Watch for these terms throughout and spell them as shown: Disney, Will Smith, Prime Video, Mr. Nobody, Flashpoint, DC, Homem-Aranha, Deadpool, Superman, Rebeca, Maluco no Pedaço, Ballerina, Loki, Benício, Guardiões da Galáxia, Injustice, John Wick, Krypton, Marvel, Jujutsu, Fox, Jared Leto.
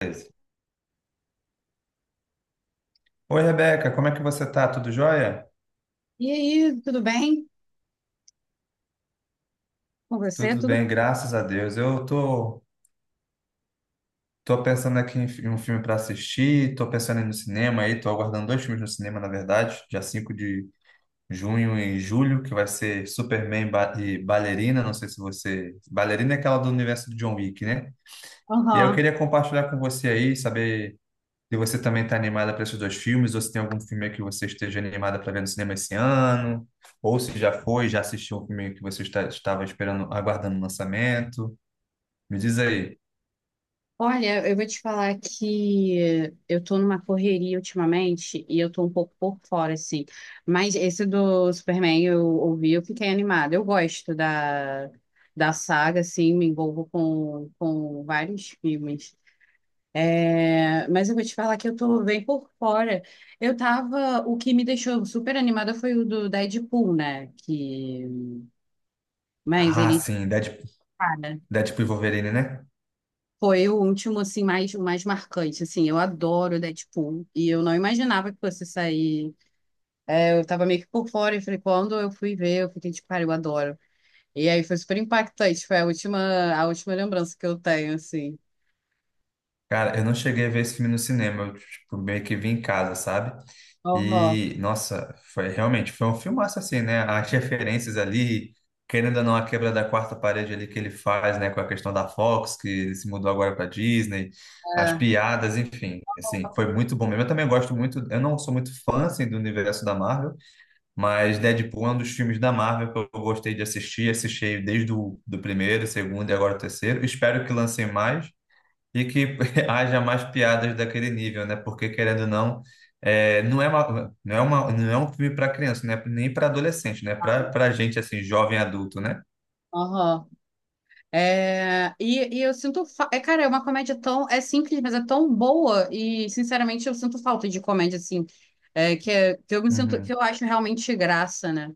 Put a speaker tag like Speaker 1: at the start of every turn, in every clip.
Speaker 1: Beleza. Oi, Rebeca, como é que você tá? Tudo jóia?
Speaker 2: E aí, tudo bem com você?
Speaker 1: Tudo
Speaker 2: Tudo bem?
Speaker 1: bem, graças a Deus. Eu tô, pensando aqui em um filme para assistir, tô pensando em ir no cinema aí, tô aguardando dois filmes no cinema, na verdade, dia 5 de junho e julho, que vai ser Superman e Ballerina, não sei se você... Ballerina é aquela do universo do John Wick, né? E aí eu
Speaker 2: Aham.
Speaker 1: queria compartilhar com você aí, saber se você também está animada para esses dois filmes, ou se tem algum filme que você esteja animada para ver no cinema esse ano, ou se já foi, já assistiu um filme que você está, estava esperando, aguardando o lançamento. Me diz aí.
Speaker 2: Olha, eu vou te falar que eu tô numa correria ultimamente e eu tô um pouco por fora, assim. Mas esse do Superman eu ouvi, eu fiquei animada. Eu gosto da saga, assim, me envolvo com vários filmes. Mas eu vou te falar que eu tô bem por fora. Eu tava. O que me deixou super animada foi o do Deadpool, né? Mas
Speaker 1: Ah,
Speaker 2: ele.
Speaker 1: sim, Deadpool,
Speaker 2: Para.
Speaker 1: Deadpool e Wolverine, né?
Speaker 2: Foi o último, assim, mais, o mais marcante, assim, eu adoro Deadpool, e eu não imaginava que fosse sair, eu tava meio que por fora, e falei, quando eu fui ver, eu fiquei tipo, cara, eu adoro, e aí foi super impactante, foi a última lembrança que eu tenho, assim.
Speaker 1: Cara, eu não cheguei a ver esse filme no cinema, eu, tipo, meio que vi em casa, sabe?
Speaker 2: Aham.
Speaker 1: E, nossa, foi realmente, foi um filmaço assim, né? As referências ali, querendo ou não, a quebra da quarta parede ali que ele faz, né? Com a questão da Fox, que se mudou agora para Disney, as
Speaker 2: é,
Speaker 1: piadas, enfim, assim, foi muito bom mesmo. Eu também gosto muito, eu não sou muito fã, assim, do universo da Marvel, mas Deadpool é um dos filmes da Marvel que eu gostei de assistir, assisti desde o do primeiro, segundo e agora o terceiro. Espero que lancem mais e que haja mais piadas daquele nível, né? Porque, querendo ou não, é, não é um filme para criança, né? Nem para adolescente, né? Para gente, assim, jovem adulto, né?
Speaker 2: aham. E eu sinto, cara, é uma comédia tão, é simples, mas é tão boa, e sinceramente eu sinto falta de comédia, assim, que eu me sinto, que
Speaker 1: Uhum,
Speaker 2: eu acho realmente graça, né?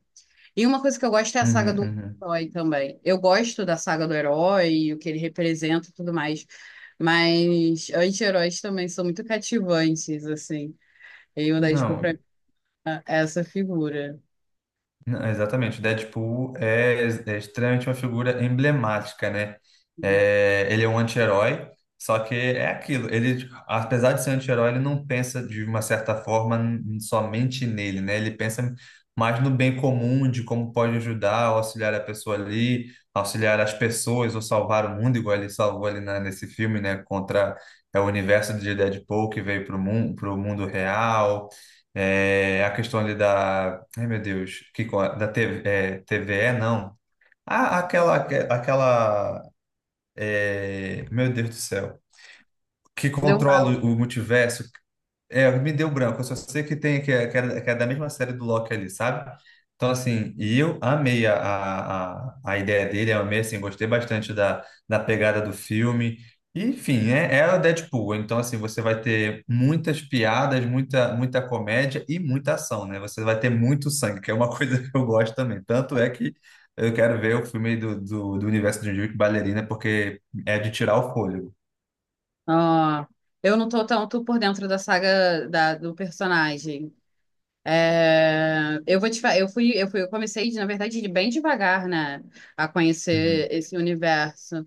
Speaker 2: E uma coisa que eu gosto é a saga
Speaker 1: uhum,
Speaker 2: do
Speaker 1: uhum.
Speaker 2: herói também. Eu gosto da saga do herói, e o que ele representa e tudo mais. Mas anti-heróis também são muito cativantes, assim. E o Deadpool
Speaker 1: Não,
Speaker 2: pra mim é essa figura.
Speaker 1: Não, exatamente, o Deadpool é, é extremamente uma figura emblemática, né? É, ele é um anti-herói, só que é aquilo, ele, apesar de ser anti-herói, ele não pensa de uma certa forma somente nele, né? Ele pensa mais no bem comum, de como pode ajudar, auxiliar a pessoa ali, auxiliar as pessoas ou salvar o mundo, igual ele salvou ali nesse filme, né? Contra é, o universo de Deadpool que veio para o mundo real, é, a questão ali da... Ai, meu Deus. Que, da TV, é, TVE, não. Ah, aquela, aquela, é, meu Deus do céu. Que
Speaker 2: Deu um
Speaker 1: controla
Speaker 2: brau.
Speaker 1: o multiverso, é, me deu branco. Eu só sei que tem que é da mesma série do Loki ali, sabe? Então, assim, e eu amei a ideia dele, eu amei, assim, gostei bastante da, da pegada do filme. E, enfim, é, é o Deadpool. Então, assim, você vai ter muitas piadas, muita, muita comédia e muita ação, né? Você vai ter muito sangue, que é uma coisa que eu gosto também. Tanto é que eu quero ver o filme do universo de Jujutsu Ballerina, porque é de tirar o fôlego.
Speaker 2: Ah, eu não tô tanto por dentro da do personagem. É, eu vou te falar, eu fui, eu comecei, na verdade, de bem devagar, né, a
Speaker 1: Uhum.
Speaker 2: conhecer esse universo.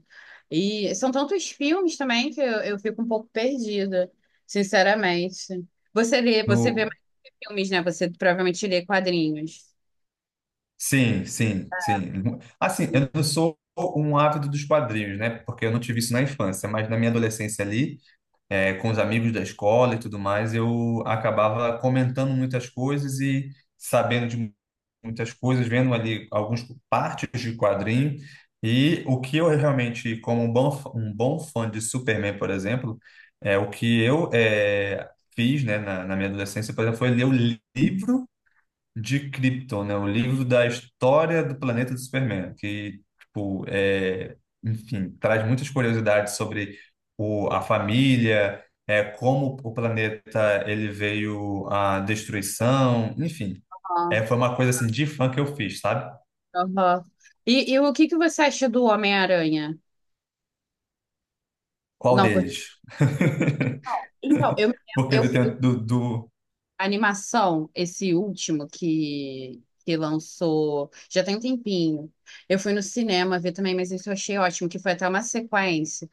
Speaker 2: E são tantos filmes também eu fico um pouco perdida, sinceramente. Você lê, você vê
Speaker 1: No,
Speaker 2: mais filmes, né? Você provavelmente lê quadrinhos.
Speaker 1: sim, sim, sim. Assim, eu não sou um ávido dos quadrinhos, né? Porque eu não tive isso na infância, mas na minha adolescência ali, com os amigos da escola e tudo mais, eu acabava comentando muitas coisas e sabendo de muitas coisas, vendo ali algumas partes de quadrinho. E o que eu realmente, como um bom, um bom fã de Superman, por exemplo, é o que eu fiz, né, na minha adolescência, por exemplo, foi ler o livro de Krypton, né? O livro da história do planeta do Superman, que, tipo, é, enfim, traz muitas curiosidades sobre o, a família, é, como o planeta ele veio à destruição, enfim.
Speaker 2: Ah,
Speaker 1: É, foi uma coisa assim de fã que eu fiz, sabe?
Speaker 2: aham. E o que que você acha do Homem-Aranha?
Speaker 1: Qual
Speaker 2: Não, cur-
Speaker 1: deles?
Speaker 2: então,
Speaker 1: Porque
Speaker 2: eu,
Speaker 1: do tempo do...
Speaker 2: A animação, esse último que lançou, já tem um tempinho. Eu fui no cinema ver também, mas isso eu achei ótimo, que foi até uma sequência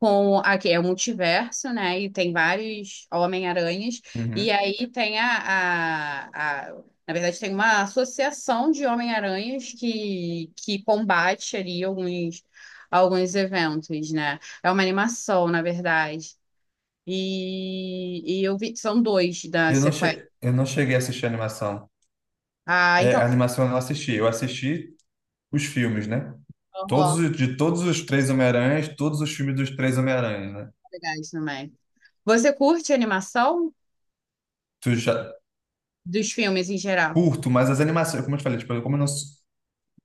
Speaker 2: com aqui é o multiverso, né? E tem vários Homem-Aranhas, e
Speaker 1: Uhum.
Speaker 2: aí tem a- na verdade, tem uma associação de Homem-Aranhas que combate ali alguns eventos, né? É uma animação, na verdade. E eu vi, são dois da sequência.
Speaker 1: Eu não cheguei a assistir a animação.
Speaker 2: Ah,
Speaker 1: É, a
Speaker 2: então,
Speaker 1: animação eu não assisti, eu assisti os filmes, né? Todos,
Speaker 2: horror,
Speaker 1: de todos os 3 Homem-Aranhas, todos os filmes dos 3 Homem-Aranhas, né?
Speaker 2: legais também. Você curte animação
Speaker 1: Tu já
Speaker 2: dos filmes em geral?
Speaker 1: curto, mas as animações, como eu te falei, tipo, como eu não, sou-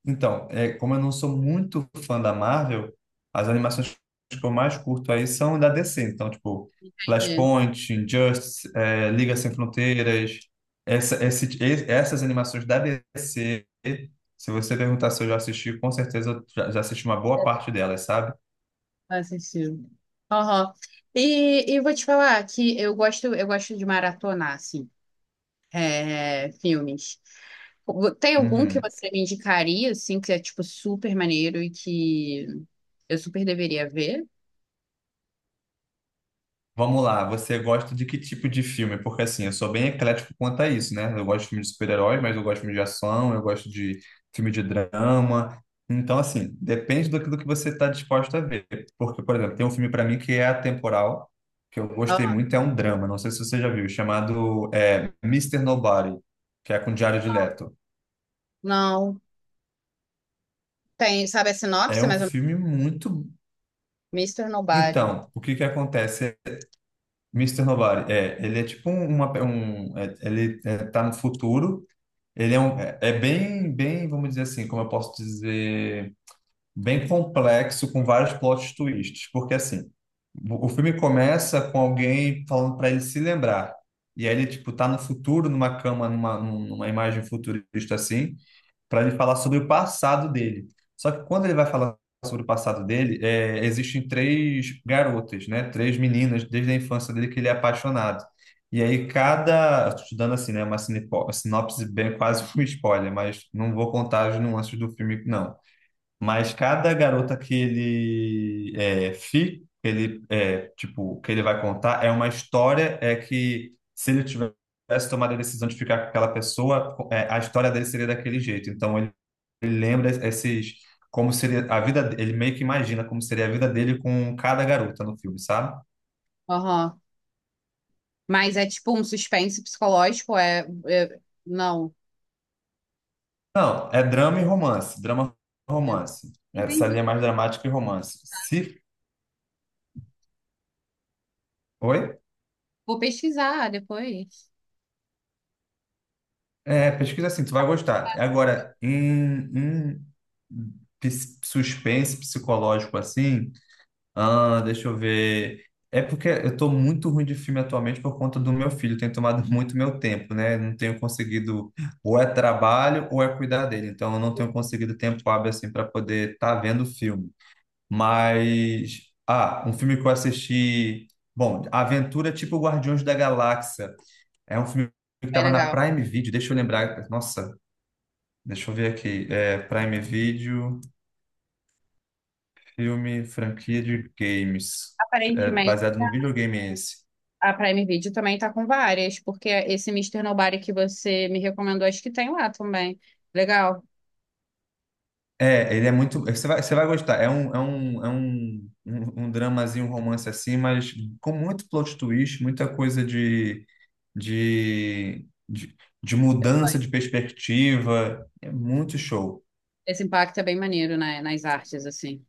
Speaker 1: então, é, como eu não sou muito fã da Marvel, as animações que eu mais curto aí são da DC. Então, tipo,
Speaker 2: Entendi.
Speaker 1: Flashpoint, Injustice, é, Liga Sem Fronteiras, essas animações da DC, se você perguntar se eu já assisti, com certeza eu já, já assisti uma boa parte delas, sabe?
Speaker 2: Assistiu. Horror. E vou te falar que eu gosto de maratonar, assim, filmes. Tem algum que
Speaker 1: Uhum.
Speaker 2: você me indicaria, assim, que é, tipo, super maneiro e que eu super deveria ver?
Speaker 1: Vamos lá, você gosta de que tipo de filme? Porque assim, eu sou bem eclético quanto a isso, né? Eu gosto de filme de super-herói, mas eu gosto de filme de ação, eu gosto de filme de drama. Então, assim, depende daquilo que do que você está disposto a ver. Porque, por exemplo, tem um filme para mim que é atemporal, que eu
Speaker 2: Ó,
Speaker 1: gostei muito, é um drama, não sei se você já viu, chamado é, Mr. Nobody, que é com Jared Leto.
Speaker 2: não. Tem, sabe a
Speaker 1: É
Speaker 2: sinopse,
Speaker 1: um
Speaker 2: mas é
Speaker 1: filme muito.
Speaker 2: Mr. Nobody.
Speaker 1: Então, o que que acontece? Mister Nobody, é, ele é tipo um, é, ele é, tá no futuro. Ele é, um, é bem, bem, vamos dizer assim, como eu posso dizer, bem complexo, com vários plot twists, porque assim, o filme começa com alguém falando para ele se lembrar, e aí ele, tipo, tá no futuro, numa cama, numa imagem futurista assim, para ele falar sobre o passado dele. Só que quando ele vai falar sobre o passado dele, é, existem 3 garotas, né? 3 meninas desde a infância dele que ele é apaixonado. E aí cada, estou te dando assim, né? Uma sinopse bem quase um spoiler, mas não vou contar as nuances do filme, não. Mas cada garota que ele é, fica, que ele é, tipo, que ele vai contar é uma história é que se ele tivesse tomado a decisão de ficar com aquela pessoa, é, a história dele seria daquele jeito. Então ele lembra esses como seria a vida, ele meio que imagina como seria a vida dele com cada garota no filme, sabe?
Speaker 2: Aham. Mas é tipo um suspense psicológico, é- não.
Speaker 1: Não, é drama e romance, drama e romance. Essa linha é
Speaker 2: Entendi.
Speaker 1: mais dramática e romance. Se, oi?
Speaker 2: Vou pesquisar depois.
Speaker 1: É, pesquisa assim, tu vai gostar. Agora, em, em suspense psicológico assim, ah, deixa eu ver. É porque eu tô muito ruim de filme atualmente por conta do meu filho, tem tomado muito meu tempo, né? Não tenho conseguido, ou é trabalho ou é cuidar dele. Então, eu não tenho conseguido tempo hábil assim para poder estar vendo filme. Mas, ah, um filme que eu assisti, bom, Aventura tipo Guardiões da Galáxia. É um filme que
Speaker 2: Bem
Speaker 1: estava na
Speaker 2: legal.
Speaker 1: Prime Video, deixa eu lembrar. Nossa, deixa eu ver aqui. É, Prime Video, filme, franquia de games. É
Speaker 2: Aparentemente,
Speaker 1: baseado no videogame esse.
Speaker 2: a Prime Video também está com várias, porque esse Mister Nobody que você me recomendou, acho que tem lá também. Legal.
Speaker 1: É, ele é muito. Você vai gostar. É um, é um, é um, um, um dramazinho, um romance assim, mas com muito plot twist, muita coisa de, de, de mudança de perspectiva. É muito show.
Speaker 2: Esse impacto é bem maneiro, né, nas artes, assim.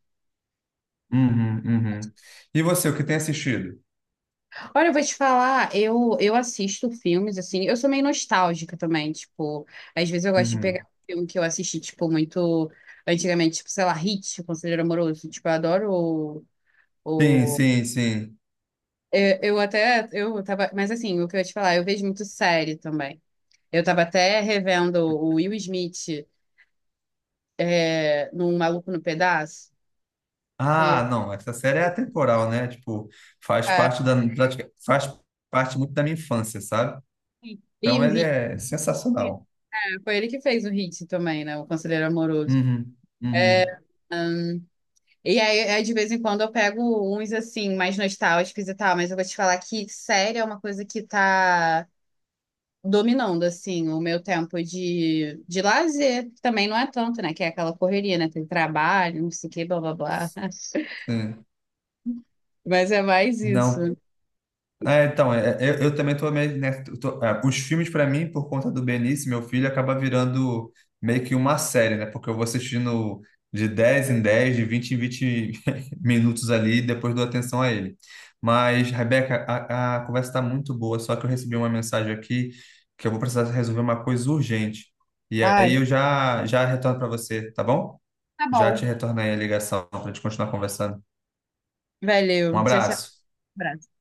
Speaker 1: Uhum, uhum. E você, o que tem assistido?
Speaker 2: Olha, eu vou te falar, eu assisto filmes, assim, eu sou meio nostálgica também, tipo, às vezes eu gosto de pegar
Speaker 1: Uhum.
Speaker 2: um filme que eu assisti, tipo, muito antigamente, tipo, sei lá, Hit, Conselheiro Amoroso, tipo, eu adoro
Speaker 1: Sim,
Speaker 2: o.
Speaker 1: sim, sim.
Speaker 2: Eu até, eu tava, mas assim, o que eu ia te falar, eu vejo muito série também. Eu tava até revendo o Will Smith num Maluco no Pedaço. É,
Speaker 1: Ah, não, essa série é atemporal, né? Tipo, faz
Speaker 2: ah,
Speaker 1: parte da, faz parte muito da minha infância, sabe?
Speaker 2: sim. E
Speaker 1: Então
Speaker 2: o
Speaker 1: ele
Speaker 2: Hit,
Speaker 1: é sensacional.
Speaker 2: né? Foi ele que fez o Hit também, né? O Conselheiro Amoroso.
Speaker 1: Uhum, uhum,
Speaker 2: E aí, é, de vez em quando, eu pego uns, assim, mais nostálgicos e tal, mas eu vou te falar que série é uma coisa que tá dominando, assim, o meu tempo de lazer, que também não é tanto, né? Que é aquela correria, né? Tem trabalho, não sei o quê, blá, blá, blá.
Speaker 1: sim.
Speaker 2: Mas é mais
Speaker 1: Não,
Speaker 2: isso.
Speaker 1: é, então, é, é, eu também tô meio, né, é, os filmes para mim, por conta do Benício, meu filho, acaba virando meio que uma série, né? Porque eu vou assistindo de 10 em 10, de 20 em 20 minutos ali, e depois dou atenção a ele. Mas, Rebeca, a conversa está muito boa, só que eu recebi uma mensagem aqui que eu vou precisar resolver uma coisa urgente. E
Speaker 2: Ai,
Speaker 1: aí eu já, já retorno para você, tá bom?
Speaker 2: tá
Speaker 1: Já te
Speaker 2: bom.
Speaker 1: retorno aí a ligação para a gente continuar conversando. Um
Speaker 2: Valeu. Tchau, tchau.
Speaker 1: abraço.
Speaker 2: Um abraço.